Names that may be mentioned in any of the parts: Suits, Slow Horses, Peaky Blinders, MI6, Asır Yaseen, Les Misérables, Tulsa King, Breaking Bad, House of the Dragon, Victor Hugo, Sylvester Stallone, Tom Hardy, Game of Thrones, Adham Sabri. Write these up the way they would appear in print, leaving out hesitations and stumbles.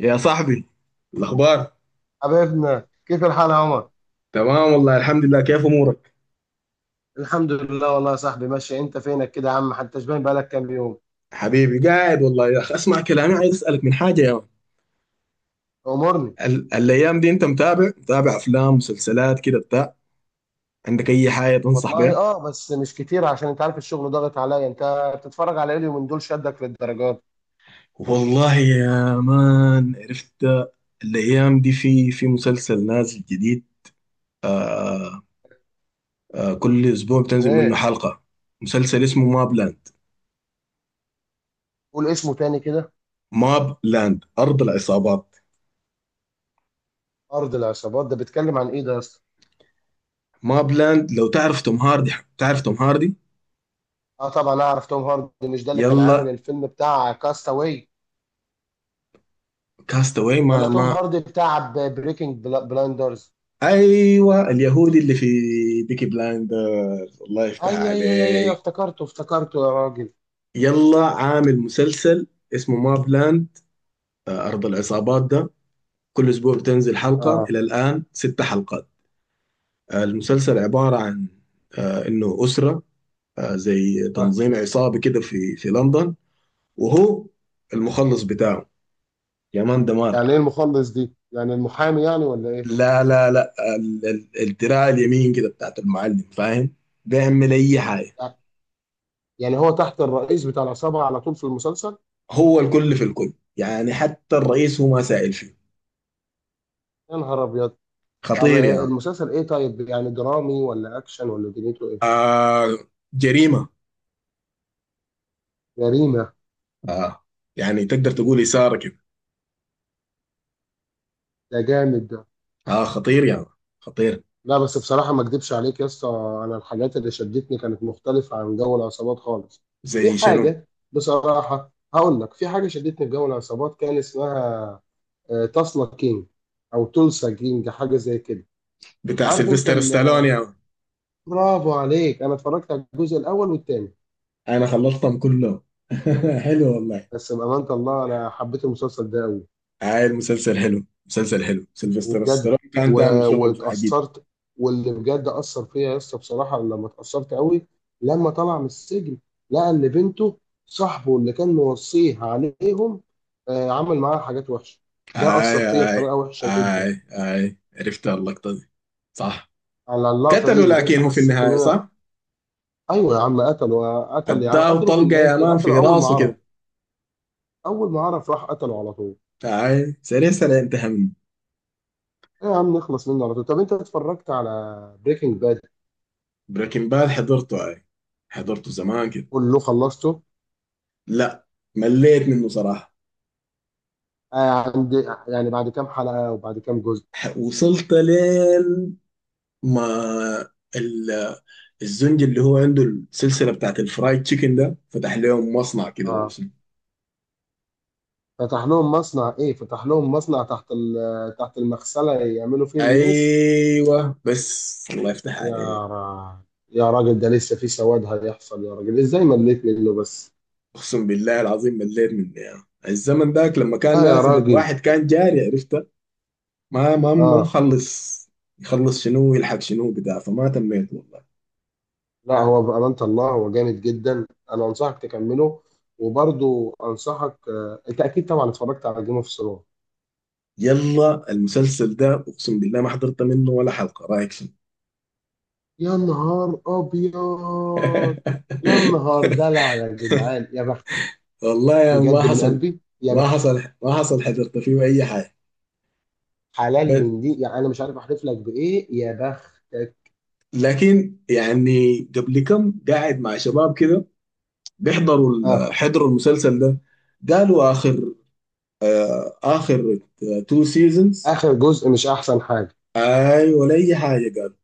يا صاحبي، الأخبار؟ حبيبنا، كيف الحال يا عمر؟ تمام والله، الحمد لله. كيف أمورك؟ الحمد لله والله يا صاحبي ماشي. انت فينك كده يا عم؟ حتى شبان، بقالك كام يوم؟ حبيبي قاعد والله يا أخي. أسمع كلامي، عايز أسألك من حاجة يا مان. امورني. الأيام دي أنت متابع أفلام مسلسلات كده بتاع؟ عندك أي حاجة تنصح والله بها؟ بس مش كتير، عشان انت عارف الشغل ضاغط عليا. انت بتتفرج على ايه اليومين دول شدك للدرجات؟ والله يا مان عرفت، الأيام دي في مسلسل نازل جديد. آه، كل أسبوع اسمه بتنزل منه ايه؟ حلقة. مسلسل اسمه ماب لاند. قول اسمه تاني كده. ماب لاند، أرض العصابات. ارض العصابات، ده بيتكلم عن ايه ده يا اسطى؟ ماب لاند، لو تعرف توم هاردي؟ تعرف توم هاردي؟ اه طبعا اعرف توم هاردي، مش ده اللي كان عامل يلا، الفيلم بتاع كاستاوي؟ كاستاوي ولا ما توم ما هاردي بتاع بريكنج بلاندرز؟ ايوه، اليهودي اللي في بيكي بلايندر. الله يفتح اي عليك. افتكرته يا راجل. يلا، عامل مسلسل اسمه ماب لاند، ارض العصابات ده. كل اسبوع بتنزل حلقه، اه. الى الان ست حلقات. المسلسل عباره عن انه اسره، زي اه، تنظيم عصابي كده في لندن. وهو المخلص بتاعه، يا مان يعني ايه دمار. المخلص دي؟ يعني المحامي يعني ولا ايه؟ لا لا لا، الدراع اليمين كده بتاعت المعلم، فاهم؟ بيعمل اي حاجه. يعني هو تحت الرئيس بتاع العصابة على طول في المسلسل؟ هو الكل في الكل يعني، حتى الرئيس هو ما سائل فيه. يا نهار أبيض. طب خطير يعني. المسلسل إيه طيب؟ يعني درامي ولا أكشن ولا دنيته إيه؟ آه، جريمة. جريمة. آه، يعني تقدر تقول إثارة كده. ده جامد ده. آه خطير يعني، خطير. لا بس بصراحة ما أكدبش عليك يا اسطى، أنا الحاجات اللي شدتني كانت مختلفة عن جو العصابات خالص. زي في شنو؟ حاجة بصراحة هقول لك، في حاجة شدتني في جو العصابات كان اسمها تسلا كينج، أو تولسا كينج، حاجة زي كده. بتاع عارف أنت سيلفستر ستالون يعني؟ برافو عليك. أنا اتفرجت على الجزء الأول والتاني، أنا خلصتهم كلهم. حلو والله. بس بأمانة الله أنا حبيت المسلسل ده أوي. آه، المسلسل حلو، مسلسل حلو. سيلفستر وبجد ستالون كان و... تعمل شغل عجيب. واتأثرت. واللي بجد أثر فيا يا اسطى بصراحة، لما اتأثرت قوي لما طلع من السجن، لقى إن بنته صاحبه اللي كان موصيه عليهم آه عمل معاها حاجات وحشة. ده آي، أثر فيا آي، بطريقة وحشة جدا. آي آي، عرفت اللقطة دي، صح؟ على اللقطة دي قتلوا، بجد لكن هو في حسيت إن النهاية، أنا. صح؟ أيوه يا عم قتله، قتل يا عم، اداه قتله في طلقة النهاية يا إيه؟ مان قتله في أول ما راسه عرف. كده. أول ما عرف راح قتله على طول. اي سيريس انا انتهى. إيه يا عم، نخلص منه على طول. طب أنت اتفرجت على بريكنج باد؟ بريكنج باد حضرته اي، حضرته زمان كده. كله خلصته؟ لا، مليت منه صراحة. آه عند، يعني بعد كام حلقة وبعد كام جزء؟ وصلت لين ما ال- الزنج اللي هو عنده السلسلة بتاعت الفرايد تشيكن ده، فتح لهم مصنع كده ولا اه. شنو؟ فتح لهم مصنع ايه؟ فتح لهم مصنع تحت تحت المغسلة، يعملوا فيه الميس. ايوه بس، الله يفتح يا عليك. را... يا راجل ده لسه في سواد هيحصل، يا راجل ازاي مليت منه بس؟ اقسم بالله العظيم مليت منه. يعني الزمن ذاك لما كان لا يا نازل راجل. الواحد كان جاري عرفته، ما اه. مخلص. يخلص شنو، يلحق شنو بتاع، فما تميت والله. لا، هو بأمانة الله هو جامد جدا، انا انصحك تكمله. وبرضو انصحك، انت اكيد طبعا اتفرجت على جيم اوف ثرونز. يلا، المسلسل ده اقسم بالله ما حضرت منه ولا حلقه، رايك شنو؟ يا نهار ابيض. يا نهار دلع يا جدعان، يا بختك. والله يا ما بجد من حصل. قلبي، يا ما بخت حصل. ما حصل، حضرت فيه اي حاجه؟ حلال بس من دي يعني. انا مش عارف احلف لك بايه، يا بختك. لكن يعني قبل كم، قاعد مع شباب كده اه حضروا المسلسل ده. قالوا اخر، اخر تو سيزونز. اخر جزء مش احسن حاجه، اي، ولا اي حاجه قالوا.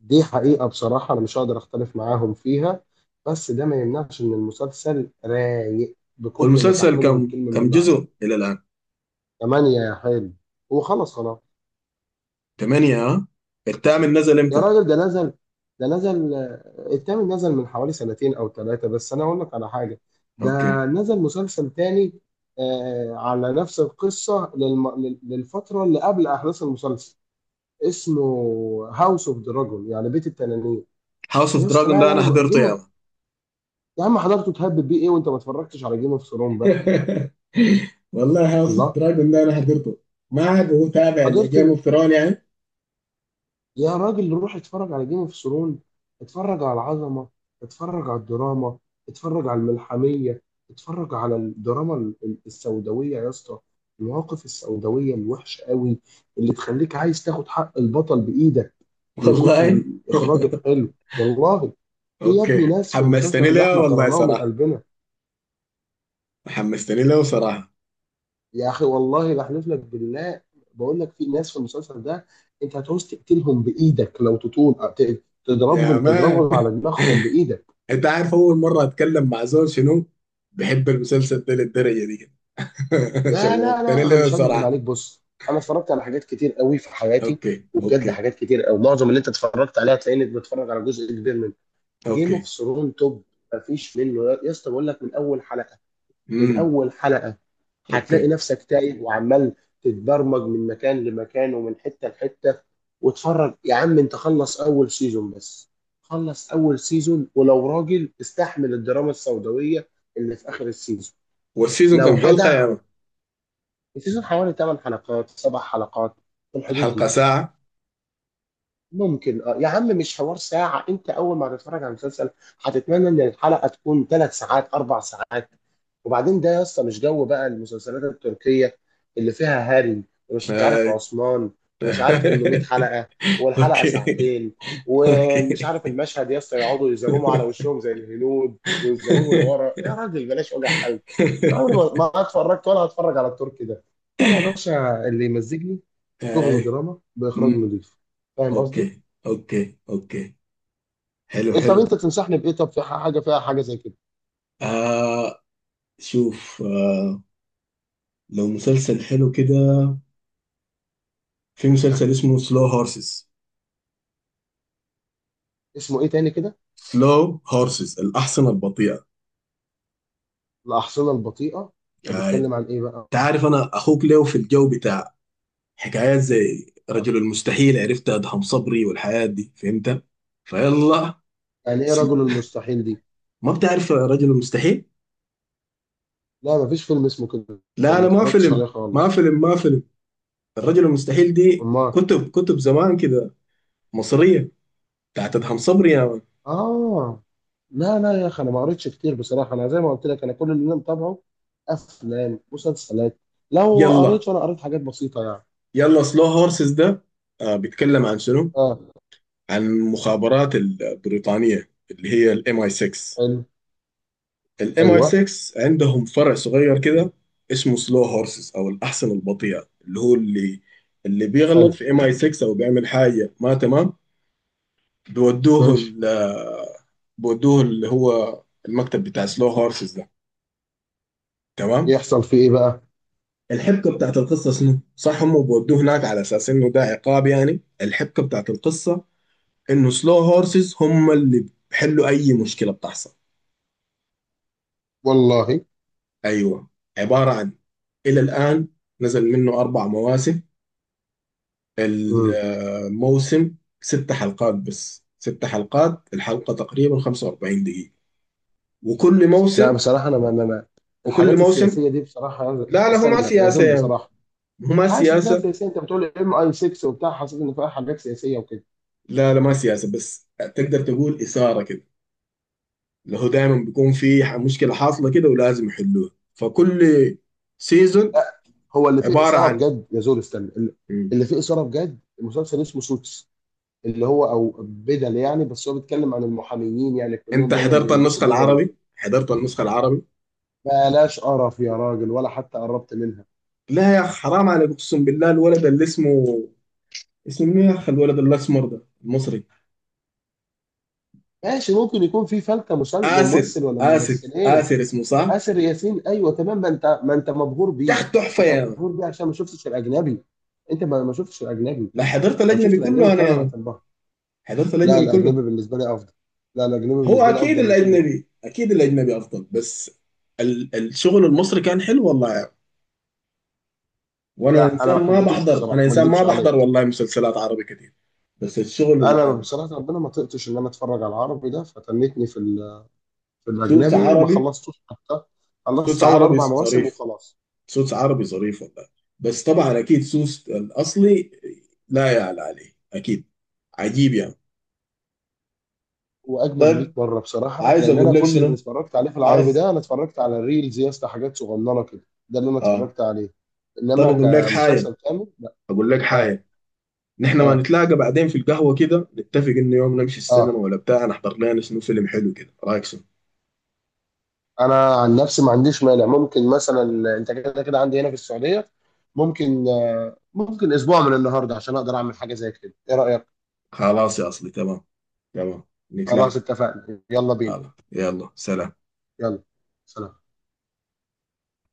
دي حقيقه. بصراحه انا مش هقدر اختلف معاهم فيها، بس ده ما يمنعش ان المسلسل رايق هو بكل ما المسلسل تحمله كم الكلمه كم من معنى. جزء الى الان؟ ثمانية يا حلو، وخلص خلاص. ثمانية ها! الثامن نزل يا امتى؟ راجل ده نزل، ده نزل التامن نزل من حوالي سنتين او ثلاثة. بس انا اقول لك على حاجة، ده اوكي. نزل مسلسل تاني آه على نفس القصة للفترة اللي قبل احداث المسلسل، اسمه هاوس اوف دراجون، يعني بيت التنانين. هاوس اوف يا اسطى دراجون لا ده لا، انا حضرته يا. يا عم حضرته تهبب بيه ايه وانت ما اتفرجتش على جيم اوف ثرون بقى؟ والله، هاوس اوف الله. دراجون ده انا حضرته. ما عاد متابع لجيم حضرت. اوف ثرون يعني. يا راجل روح اتفرج على جيم اوف ثرون. اتفرج على العظمه، اتفرج على الدراما، اتفرج على الملحميه، اتفرج على الدراما السوداويه يا اسطى، المواقف السوداويه الوحشه قوي اللي تخليك عايز تاخد حق البطل بايدك من كتر والله. الاخراج الحلو. والله في يا ابني اوكي، ناس في حمستني المسلسل ده له احنا والله كرهناهم من صراحه. قلبنا. حمستني له صراحه. يا اخي والله بحلف لك بالله، بقول لك في ناس في المسلسل ده انت هتعوز تقتلهم بايدك لو تطول، تضربهم، يا مان. تضربهم على دماغهم بايدك. انت عارف اول مره اتكلم مع زول شنو بحب المسلسل ده للدرجه دي كده. لا لا شوقتني لا، انا له مش هكذب صراحه. عليك. بص، انا اتفرجت على حاجات كتير قوي في حياتي اوكي، وبجد، اوكي، حاجات كتير قوي. معظم اللي انت اتفرجت عليها هتلاقيني بتفرج على جزء كبير منه. جيم اوف اوكي. ثرون توب، مفيش منه. يا اسطى بقول لك، من اول حلقه، من امم. اول حلقه هتلاقي اوكي. نفسك تايه وعمال تتبرمج من مكان لمكان ومن حته لحته. واتفرج يا عم، انت خلص اول سيزون بس، خلص اول سيزون. ولو راجل استحمل الدراما السوداويه اللي في اخر السيزون، والسيزون كم لو حلقه جدع. يا مان؟ السيزون حوالي 8 حلقات، 7 حلقات، في الحدود الحلقه دي. ساعه؟ ممكن اه يا عم، مش حوار ساعة. انت اول ما هتتفرج على المسلسل، هتتمنى ان الحلقة تكون ثلاث ساعات، اربع ساعات. وبعدين ده يا اسطى مش جو بقى المسلسلات التركية اللي فيها هاري، ومش عارف هاي. عثمان، ومش عارف 800 حلقة، والحلقة اوكي، ساعتين، ومش عارف المشهد يا اسطى يقعدوا يزوموا على اوكي. وشهم زي الهنود ويزوموا لورا. يا راجل بلاش وجع قلب، انا عمري ما اتفرجت ولا هتفرج على التركي ده. انا يا باشا اللي يمزجني شغل اي. دراما باخراج امم. نظيف، فاهم قصدي؟ اوكي، اوكي، اوكي. حلو، إيه، طب حلو. انت تنصحني بايه؟ طب في حاجه فيها حاجه زي كده؟ آه شوف، آه، لو مسلسل حلو كده، في أه. مسلسل اسمه سلو هورسز. اسمه ايه تاني كده؟ سلو هورسز، الأحصنة البطيئة. الاحصنه البطيئه؟ انت آه. بتتكلم عن ايه بقى؟ تعرف أنا أخوك ليه في الجو بتاع حكايات زي أه. رجل المستحيل؟ عرفت أدهم صبري والحياة دي، فهمت؟ فيلا. يعني ايه سل... رجل المستحيل دي؟ ما بتعرف رجل المستحيل؟ لا مفيش فيلم اسمه كده. لا ما لا، ما اتفرجتش فيلم، عليه ما خالص. فيلم، ما فيلم. الرجل المستحيل دي امال. كتب، زمان كده. مصرية، بتاعت ادهم صبري يا مان. اه. لا لا يا اخي، انا ما قريتش كتير بصراحه. انا زي ما قلت لك، انا كل اللي انا متابعه افلام، مسلسلات. لو قريت يلا، فانا قريت حاجات بسيطه يعني. يلا سلو هورسز ده، آه، بيتكلم عن شنو؟ اه. عن المخابرات البريطانية، اللي هي الام اي 6. حلو. الام اي ايوه. 6 عندهم فرع صغير كده اسمه سلو هورسز، او الاحصنة البطيئة، اللي هو اللي بيغلط حلو. في ام اي 6 او بيعمل حاجة ما تمام، بيودوه ماشي. بودوه اللي هو المكتب بتاع سلو هورسز ده، تمام؟ يحصل في ايه بقى؟ الحبكة بتاعت القصة شنو؟ صح، هم بودوه هناك على أساس إنه ده عقاب. يعني الحبكة بتاعت القصة إنه سلو هورسز هم اللي بيحلوا أي مشكلة بتحصل. والله. أيوه، عبارة عن، إلى الآن نزل منه أربع مواسم. الموسم ست حلقات بس، ست حلقات، الحلقة تقريبا 45 دقيقة. وكل لا موسم، بصراحة أنا وكل الحاجات موسم السياسية دي بصراحة لا لا، هو ما استنى سياسة يزول يا عم. بصراحة. هو ما حاسس إنها سياسة. سياسية، أنت بتقول ام أي 6 وبتاع، حاسس إن فيها حاجات سياسية وكده. لا لا، ما سياسة، بس تقدر تقول إثارة كده. اللي هو دايما بيكون في مشكلة حاصلة كده ولازم يحلوها. فكل سيزون لا، هو اللي فيه عبارة إثارة عن. بجد يزول استنى. مم. اللي فيه إثارة بجد مسلسل اسمه سوتس، اللي هو أو بدل يعني. بس هو بيتكلم عن المحاميين، يعني كلهم انت دايما حضرت بيلبسوا النسخة بدل العربي؟ وكده. حضرت النسخة العربي؟ بلاش قرف يا راجل، ولا حتى قربت منها. لا يا أخ، حرام عليك، أقسم بالله الولد اللي اسمه، اسمه مين يا أخ، الولد الأسمر ده المصري، ماشي، ممكن يكون في فلتة آسر، ممثل ولا آسر، ممثلين. آسر اسمه صح؟ آسر ياسين، ايوه تمام، ما انت ما انت مبهور يا بيه. أخ تحفة انت يا مان. مبهور بيه عشان ما شفتش الاجنبي، انت ما شفتش الاجنبي. لا، حضرت لو شفت الأجنبي الاجنبي كله أنا فانا يا مان. هتنبهر. حضرت لا الأجنبي كله. الاجنبي بالنسبه لي افضل، لا الاجنبي هو بالنسبه لي أكيد افضل 200 مره. الأجنبي، أكيد الأجنبي أفضل، بس الشغل المصري كان حلو والله. وانا لا انا ما انسان ما حبيتوش بحضر بصراحه، انا ما انسان ما اكذبش بحضر عليك. والله مسلسلات عربي كتير. بس انا بصراحه ربنا ما طقتش ان انا اتفرج على العربي ده، فتنتني في في السوتس الاجنبي، ما عربي، خلصتوش حتى. خلصت سوتس اول عربي اربع مواسم ظريف، وخلاص. سوتس عربي ظريف والله. بس طبعا اكيد سوتس الاصلي لا يعلى عليه، اكيد، عجيب يعني. واجمد 100 طيب، مره بصراحه، عايز لان اقول انا لك كل اللي شنو، اتفرجت عليه في العربي عايز. ده انا اتفرجت على الريلز يا اسطى، حاجات صغننه كده. ده اللي انا اه. اتفرجت عليه، طب انما اقول لك حاجه، كمسلسل كامل لا. اقول لك اه. حاجه نحن ما اه. نتلاقى بعدين في القهوه كده، نتفق انه يوم نمشي السينما اه. ولا بتاع، نحضر لنا شنو فيلم حلو كده، رايك شنو؟ انا عن نفسي ما عنديش مانع. ممكن مثلا، انت كده كده عندي هنا في السعوديه، ممكن آه ممكن اسبوع من النهارده عشان اقدر اعمل حاجه زي كده. ايه رايك؟ خلاص يا اصلي، تمام، تمام. نتلاقى. خلاص، اتفقنا، يلا بينا. خلاص، يلا سلام. يلا سلام.